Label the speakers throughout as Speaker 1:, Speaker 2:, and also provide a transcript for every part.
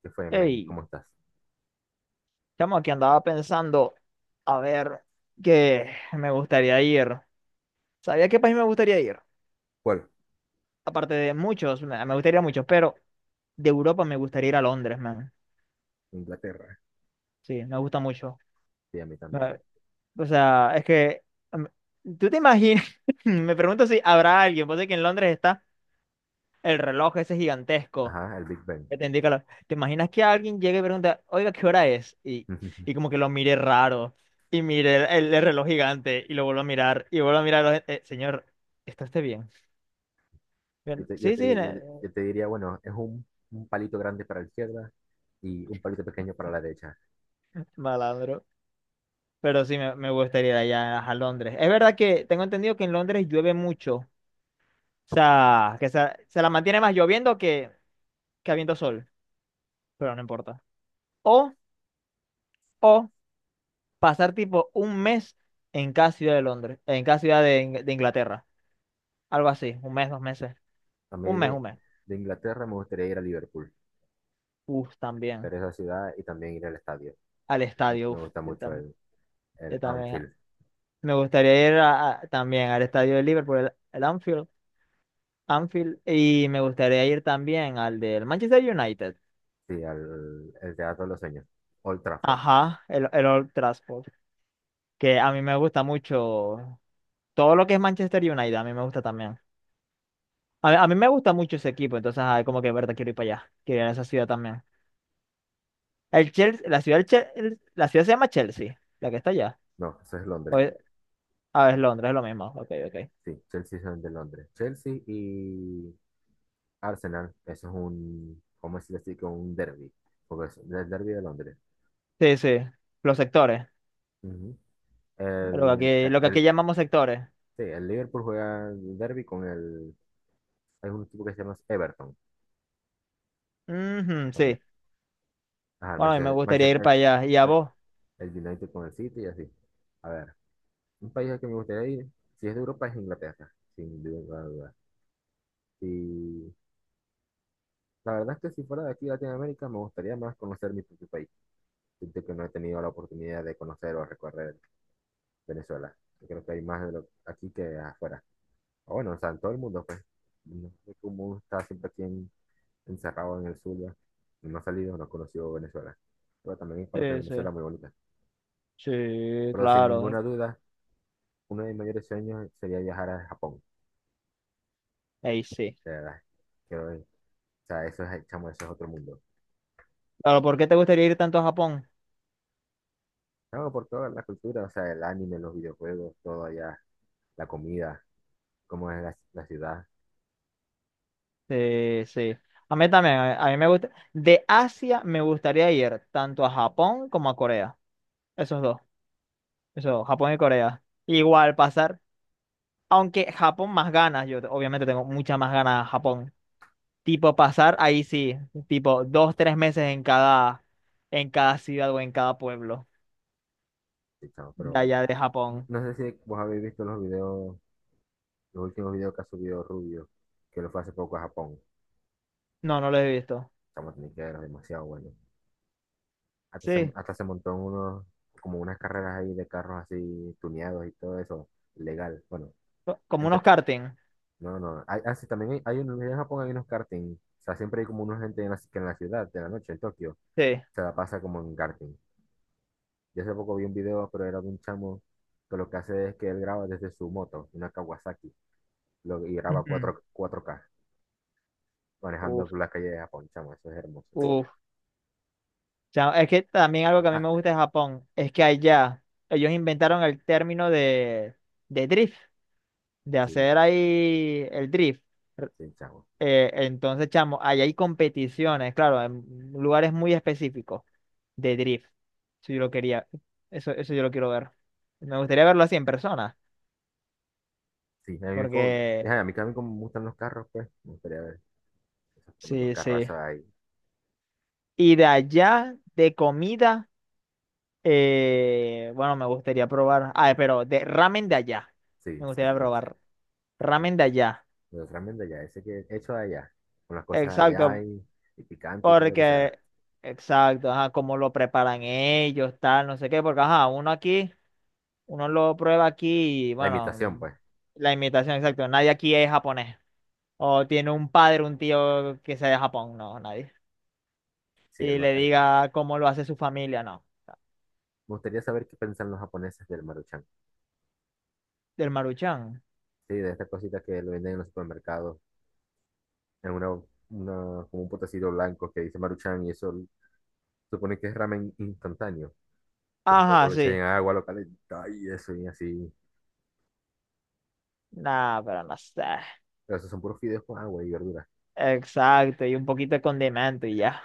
Speaker 1: ¿Qué fue, men?
Speaker 2: Hey,
Speaker 1: ¿Cómo estás?
Speaker 2: estamos aquí, andaba pensando, a ver, qué me gustaría ir. ¿Sabía a qué país me gustaría ir?
Speaker 1: ¿Cuál?
Speaker 2: Aparte de muchos, me gustaría muchos, pero de Europa me gustaría ir a Londres, man.
Speaker 1: Inglaterra.
Speaker 2: Sí, me gusta mucho.
Speaker 1: Sí, a mí también.
Speaker 2: Me- O sea, em, ¿tú te imaginas? Me pregunto si habrá alguien, pues de que en Londres está el reloj ese gigantesco.
Speaker 1: Ajá, el Big Ben.
Speaker 2: Ya te indica claro. ¿Te imaginas que alguien llegue y pregunta, oiga, ¿qué hora es? Y como que lo mire raro, y mire el reloj gigante, y lo vuelvo a mirar, y vuelvo a mirar, a señor, ¿está usted bien?
Speaker 1: Yo
Speaker 2: Bien,
Speaker 1: te, yo
Speaker 2: sí, sí,
Speaker 1: te- yo- te- yo te diría, bueno, es un palito grande para la izquierda y un palito pequeño para la derecha.
Speaker 2: malandro". Pero sí, me gustaría ir allá a Londres. Es verdad que tengo entendido que en Londres llueve mucho. O sea, que se la mantiene más lloviendo que habiendo sol, pero no importa. O, o pasar tipo un mes en cada ciudad de Londres, en cada ciudad de, de Inglaterra. Algo así, un mes, dos meses.
Speaker 1: A
Speaker 2: Un
Speaker 1: mí
Speaker 2: mes, un
Speaker 1: de,
Speaker 2: mes.
Speaker 1: de Inglaterra me gustaría ir a Liverpool,
Speaker 2: Uf, también.
Speaker 1: pero esa ciudad y también ir al estadio.
Speaker 2: Al
Speaker 1: Me,
Speaker 2: estadio,
Speaker 1: me
Speaker 2: uf,
Speaker 1: gusta
Speaker 2: yo
Speaker 1: mucho
Speaker 2: también.
Speaker 1: el
Speaker 2: Yo también.
Speaker 1: Anfield,
Speaker 2: Me gustaría ir también al estadio de Liverpool, el Anfield, Anfield. Y me gustaría ir también al del Manchester United.
Speaker 1: sí, el Teatro de los Sueños, Old Trafford.
Speaker 2: Ajá, el Old Trafford. Que a mí me gusta mucho. Todo lo que es Manchester United, a mí me gusta también. A mí me gusta mucho ese equipo, entonces, ay, como que, verdad, quiero ir para allá. Quiero ir a esa ciudad también. El Chelsea, la ciudad, la ciudad se llama Chelsea, la que está allá.
Speaker 1: No, eso es
Speaker 2: O
Speaker 1: Londres.
Speaker 2: es- ah, es Londres, es lo mismo. Ok, ok.
Speaker 1: Sí, Chelsea son de Londres. Chelsea y Arsenal, eso es un, ¿cómo decirlo así? Que un derby, porque es el derby de Londres.
Speaker 2: Sí, sí, los sectores,
Speaker 1: Ujú. El, el,
Speaker 2: lo que aquí
Speaker 1: el-
Speaker 2: llamamos sectores.
Speaker 1: sí, el Liverpool juega el derby con hay un equipo que se llama Everton
Speaker 2: Ujú,
Speaker 1: también.
Speaker 2: sí,
Speaker 1: Ajá,
Speaker 2: bueno, a mí me gustaría ir para allá. ¿Y a
Speaker 1: El,
Speaker 2: vos?
Speaker 1: el United con el City y así. A ver, un país al que me gustaría ir, si es de Europa, es Inglaterra, sin duda, duda. Y la verdad es que si fuera de aquí, Latinoamérica, me gustaría más conocer mi propio país. Siento que no he tenido la oportunidad de conocer o recorrer Venezuela. Yo creo que hay más de lo, aquí que afuera. O bueno, o sea, en todo el mundo, pues. No sé cómo está siempre aquí encerrado en el Zulia. No ha salido, no ha conocido Venezuela. Pero también hay parte de
Speaker 2: Sí, sí,
Speaker 1: Venezuela muy bonita.
Speaker 2: sí,
Speaker 1: Pero sin
Speaker 2: claro,
Speaker 1: ninguna duda, uno de mis mayores sueños sería viajar a Japón.
Speaker 2: ahí sí.
Speaker 1: De verdad. Quiero ver. O sea, eso es, chamo, eso es otro mundo.
Speaker 2: Claro, ¿por qué te gustaría ir tanto a Japón?
Speaker 1: Chamo, por toda la cultura, o sea, el anime, los videojuegos, todo allá, la comida, cómo es la ciudad.
Speaker 2: Sí, sí. A mí también, a mí me gusta. De Asia me gustaría ir tanto a Japón como a Corea. Esos dos, esos dos, Japón y Corea. Igual pasar, aunque Japón más ganas, obviamente tengo muchas más ganas a Japón. Tipo pasar, ahí sí, tipo dos, tres meses en cada ciudad o en cada pueblo
Speaker 1: Sí, chamo,
Speaker 2: de
Speaker 1: pero
Speaker 2: allá de
Speaker 1: no,
Speaker 2: Japón.
Speaker 1: no sé si vos habéis visto los últimos videos que ha subido Rubio, que lo fue hace poco a Japón,
Speaker 2: No, no lo he visto.
Speaker 1: estamos teniqueros, demasiado bueno. Hasta se,
Speaker 2: Sí,
Speaker 1: hasta se montó en unos, como unas carreras ahí de carros así tuneados y todo eso, legal. Bueno,
Speaker 2: como
Speaker 1: entre-
Speaker 2: unos karting.
Speaker 1: no, no. Ah, sí, también hay unos, en Japón hay unos karting. O sea, siempre hay como una gente que en la ciudad, de la noche, en Tokio,
Speaker 2: Sí.
Speaker 1: se la pasa como en karting. Yo hace poco vi un video, pero era de un chamo que lo que hace es que él graba desde su moto, una Kawasaki, y graba
Speaker 2: Ujú.
Speaker 1: cuatro k manejando
Speaker 2: Uf,
Speaker 1: por la calle de Japón, chamo, eso es hermoso.
Speaker 2: uf. O es que también algo que a mí
Speaker 1: Ah,
Speaker 2: me gusta de Japón es que allá ellos inventaron el término de drift, de
Speaker 1: sí,
Speaker 2: hacer ahí el drift. R-
Speaker 1: sí, chavo.
Speaker 2: entonces, chamo, allá hay competiciones, claro, en lugares muy específicos de drift. Si yo lo quería, eso yo lo quiero ver. Me gustaría verlo así en persona,
Speaker 1: Sí, a mí, como,
Speaker 2: porque
Speaker 1: ajá, a mí también como me gustan los carros, pues, me gustaría ver esos tremendos
Speaker 2: sí, sí.
Speaker 1: carrazos ahí.
Speaker 2: Y de allá, de comida, bueno, me gustaría probar. Ah, pero de ramen de allá.
Speaker 1: Sí,
Speaker 2: Me gustaría
Speaker 1: exacto.
Speaker 2: probar ramen de allá.
Speaker 1: Los tremendos ya, ese que hecho allá, con las cosas allá
Speaker 2: Exacto,
Speaker 1: y picante y todo lo que sea.
Speaker 2: porque, exacto, ajá, cómo lo preparan ellos, tal, no sé qué, porque, ajá, uno aquí, uno lo prueba aquí y,
Speaker 1: La
Speaker 2: bueno,
Speaker 1: imitación, pues.
Speaker 2: la imitación, exacto. Nadie aquí es japonés. O tiene un padre, un tío que sea de Japón, no, nadie.
Speaker 1: Sí,
Speaker 2: Y le
Speaker 1: me
Speaker 2: diga cómo lo hace su familia, no.
Speaker 1: gustaría saber qué piensan los japoneses del Maruchan.
Speaker 2: Del Maruchan.
Speaker 1: Sí, de esta cosita que lo venden en los supermercados, en una, como un potecito blanco que dice Maruchan y eso supone que es ramen instantáneo, que se
Speaker 2: Ajá,
Speaker 1: lo echan
Speaker 2: sí.
Speaker 1: en agua, lo calienta y eso y así.
Speaker 2: Nah, pero no sé.
Speaker 1: Pero esos son puros fideos con agua y verduras.
Speaker 2: Exacto, y un poquito de condimento y ya.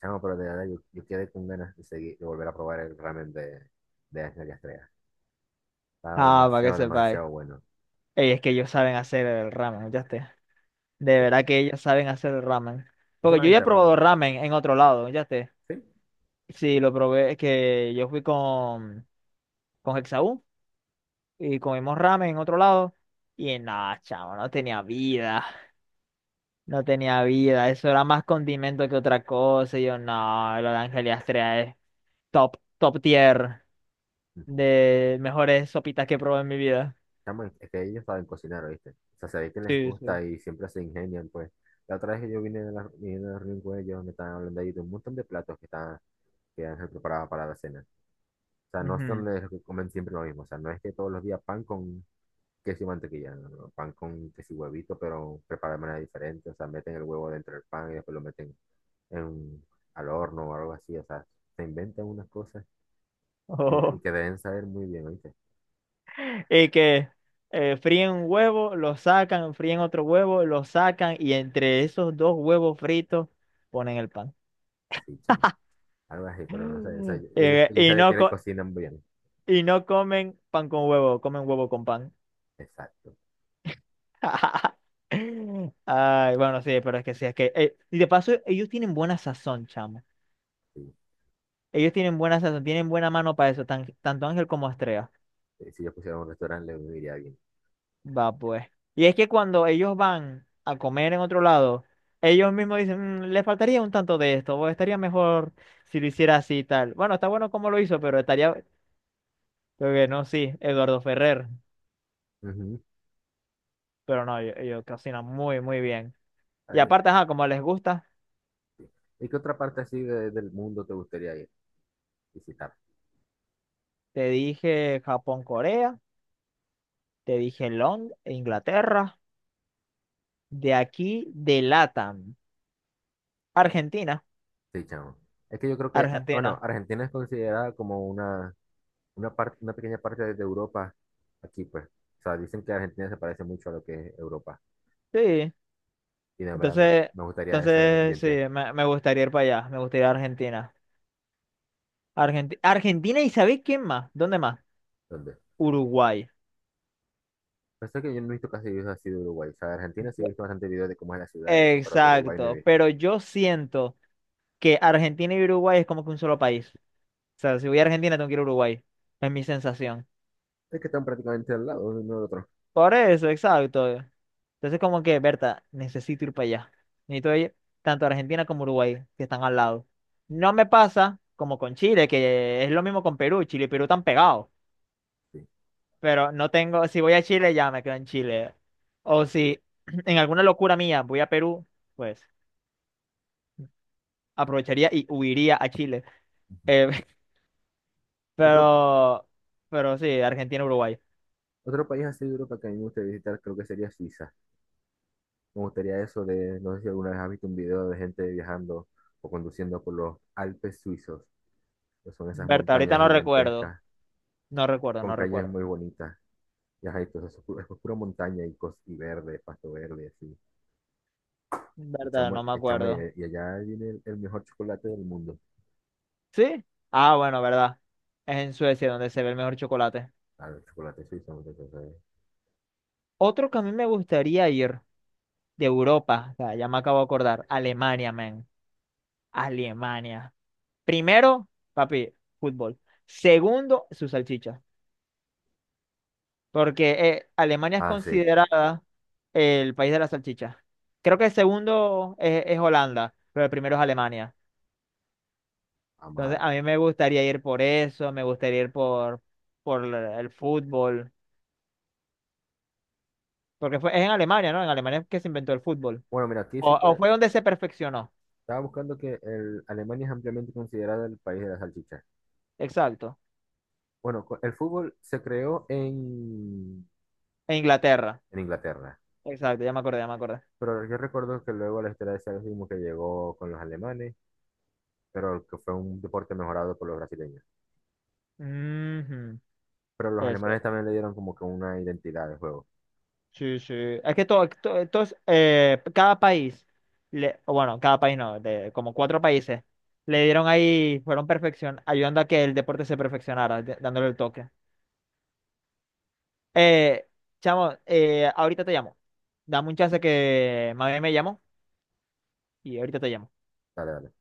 Speaker 1: Chamo, pero de verdad yo quedé con ganas de seguir, de volver a probar el ramen de Ángel y Estrella. Estaba
Speaker 2: Ah, para que
Speaker 1: demasiado,
Speaker 2: sepáis.
Speaker 1: demasiado bueno.
Speaker 2: Ey, es que ellos saben hacer el ramen, ya esté. De
Speaker 1: Sí.
Speaker 2: verdad que ellos saben hacer el ramen.
Speaker 1: No
Speaker 2: Porque yo ya he
Speaker 1: solamente
Speaker 2: probado
Speaker 1: ramen,
Speaker 2: ramen en otro lado, ya esté.
Speaker 1: sí.
Speaker 2: Sí, lo probé, es que yo fui con Hexaú y comimos ramen en otro lado. Y nada, chavo, no tenía vida. No tenía vida. Eso era más condimento que otra cosa. Y yo, no, lo de Ángel Astrea es top, top tier.
Speaker 1: Mm.
Speaker 2: De mejores sopitas que he probado en mi vida.
Speaker 1: Chamo, es que ellos saben cocinar, ¿oíste? O sea, se ve que les
Speaker 2: Sí, sí.
Speaker 1: gusta y siempre se ingenian, pues. La otra vez que yo vine de la reunión con ellos, me estaban hablando ahí de un montón de platos que Ángel preparaba para la cena. O sea, no
Speaker 2: Ujú.
Speaker 1: son los que comen siempre lo mismo. O sea, no es que todos los días pan con queso y mantequilla, no, no, no. Pan con queso y huevito, pero preparado de manera diferente. O sea, meten el huevo dentro del pan y después lo meten en- al horno o algo así, o sea, se inventan unas cosas y
Speaker 2: Ojo.
Speaker 1: que deben saber muy bien, ¿oíste?
Speaker 2: Y que fríen un huevo, lo sacan, fríen otro huevo, lo sacan y entre esos dos huevos fritos ponen el pan.
Speaker 1: Sí, chamo, algo así, pero no sé, o sea,
Speaker 2: Mm.
Speaker 1: ellos, ellos saben que le cocinan bien,
Speaker 2: Y no comen pan con huevo, comen huevo con pan.
Speaker 1: exacto,
Speaker 2: Ay, bueno, sí, pero es que sí, es que... y de paso, ellos tienen buena sazón, chamo.
Speaker 1: sí.
Speaker 2: Ellos tienen buena sazón, tienen buena mano para eso, tanto Ángel como Astrea.
Speaker 1: Si yo pusiera un restaurante, le iría bien.
Speaker 2: Va pues. Y es que cuando ellos van a comer en otro lado, ellos mismos dicen, "Mm, le faltaría un tanto de esto, o estaría mejor si lo hiciera así y tal. Bueno, está bueno como lo hizo, pero estaría, creo que no, sí, Eduardo Ferrer".
Speaker 1: Ujú.
Speaker 2: Pero no, ellos cocinan muy, muy bien.
Speaker 1: A
Speaker 2: Y
Speaker 1: ver,
Speaker 2: aparte, ajá, como les gusta,
Speaker 1: ¿y qué otra parte así del mundo te gustaría ir, visitar?
Speaker 2: te dije Japón, Corea, te dije Londres, Inglaterra, de aquí, de LATAM, Argentina,
Speaker 1: Sí, chamo. Es que yo creo que, ah, bueno,
Speaker 2: Argentina.
Speaker 1: Argentina es considerada como una pequeña parte de Europa aquí, pues. O sea, dicen que Argentina se parece mucho a lo que es Europa.
Speaker 2: Sí,
Speaker 1: Y de verdad me,
Speaker 2: entonces,
Speaker 1: me gustaría ese
Speaker 2: entonces sí,
Speaker 1: ambiente.
Speaker 2: me gustaría ir para allá, me gustaría ir a Argentina. Argentina y ¿sabéis quién más? ¿Dónde más?
Speaker 1: ¿Dónde?
Speaker 2: Uruguay.
Speaker 1: Pasa que yo no he visto casi videos así de Uruguay. O sea, de Argentina sí he visto bastante videos de cómo es la ciudad, y eso, pero de Uruguay no he
Speaker 2: Exacto,
Speaker 1: visto.
Speaker 2: pero yo siento que Argentina y Uruguay es como que un solo país. O sea, si voy a Argentina tengo que ir a Uruguay. Es mi sensación.
Speaker 1: Es que están prácticamente al lado uno del otro.
Speaker 2: Por eso, exacto. Entonces como que, Berta, necesito ir para allá. Necesito ir tanto a Argentina como a Uruguay, que están al lado. No me pasa como con Chile, que es lo mismo con Perú. Chile y Perú están pegados.
Speaker 1: Sí.
Speaker 2: Pero no tengo, si voy a Chile, ya me quedo en Chile. O si en alguna locura mía voy a Perú, pues aprovecharía y huiría a Chile. Eh,
Speaker 1: Otro,
Speaker 2: pero, pero sí, Argentina, Uruguay.
Speaker 1: otro país así de Europa que a mí me gustaría visitar creo que sería Suiza. Me gustaría eso de, no sé si alguna vez has visto un video de gente viajando o conduciendo por los Alpes suizos, que son esas
Speaker 2: Berta, ahorita
Speaker 1: montañas
Speaker 2: no recuerdo.
Speaker 1: gigantescas
Speaker 2: No recuerdo,
Speaker 1: con
Speaker 2: no
Speaker 1: calles
Speaker 2: recuerdo.
Speaker 1: muy bonitas. Y ajá, y todo eso es pura montaña y verde, pasto verde, así. Y
Speaker 2: Verdad,
Speaker 1: chamo,
Speaker 2: no me acuerdo.
Speaker 1: allá viene el mejor chocolate del mundo.
Speaker 2: ¿Sí? Ah, bueno, verdad. Es en Suecia donde se ve el mejor chocolate.
Speaker 1: Claro, el chocolate suizo, muchachos.
Speaker 2: Otro que a mí me gustaría ir de Europa, o sea, ya me acabo de acordar, Alemania, man. Alemania. Primero, papi, fútbol. Segundo, su salchicha. Porque Alemania es
Speaker 1: Ah, sí.
Speaker 2: considerada el país de la salchicha. Creo que el segundo es Holanda, pero el primero es Alemania.
Speaker 1: Vamos a
Speaker 2: Entonces,
Speaker 1: ver.
Speaker 2: a mí me gustaría ir por eso, me gustaría ir por el fútbol. Porque es en Alemania, ¿no? En Alemania es que se inventó el fútbol.
Speaker 1: Bueno, mira, aquí dice que
Speaker 2: O fue donde se perfeccionó.
Speaker 1: estaba buscando que el Alemania es ampliamente considerada el país de la salchicha.
Speaker 2: Exacto.
Speaker 1: Bueno, el fútbol se creó en,
Speaker 2: En Inglaterra.
Speaker 1: en Inglaterra,
Speaker 2: Exacto, ya me acordé, ya me acordé.
Speaker 1: pero yo recuerdo que luego la historia de ese mismo que llegó con los alemanes, pero que fue un deporte mejorado por los brasileños.
Speaker 2: Ujú.
Speaker 1: Pero los
Speaker 2: Eso.
Speaker 1: alemanes también le dieron como que una identidad de juego.
Speaker 2: Sí, sí. Es que todo, to- todos, cada país, o bueno, cada país no, de como cuatro países, le dieron ahí, fueron perfección, ayudando a que el deporte se perfeccionara, dándole el toque. Eh, chamo, ahorita te llamo. Dame un chance que mami me llamó y ahorita te llamo.
Speaker 1: Dale, dale.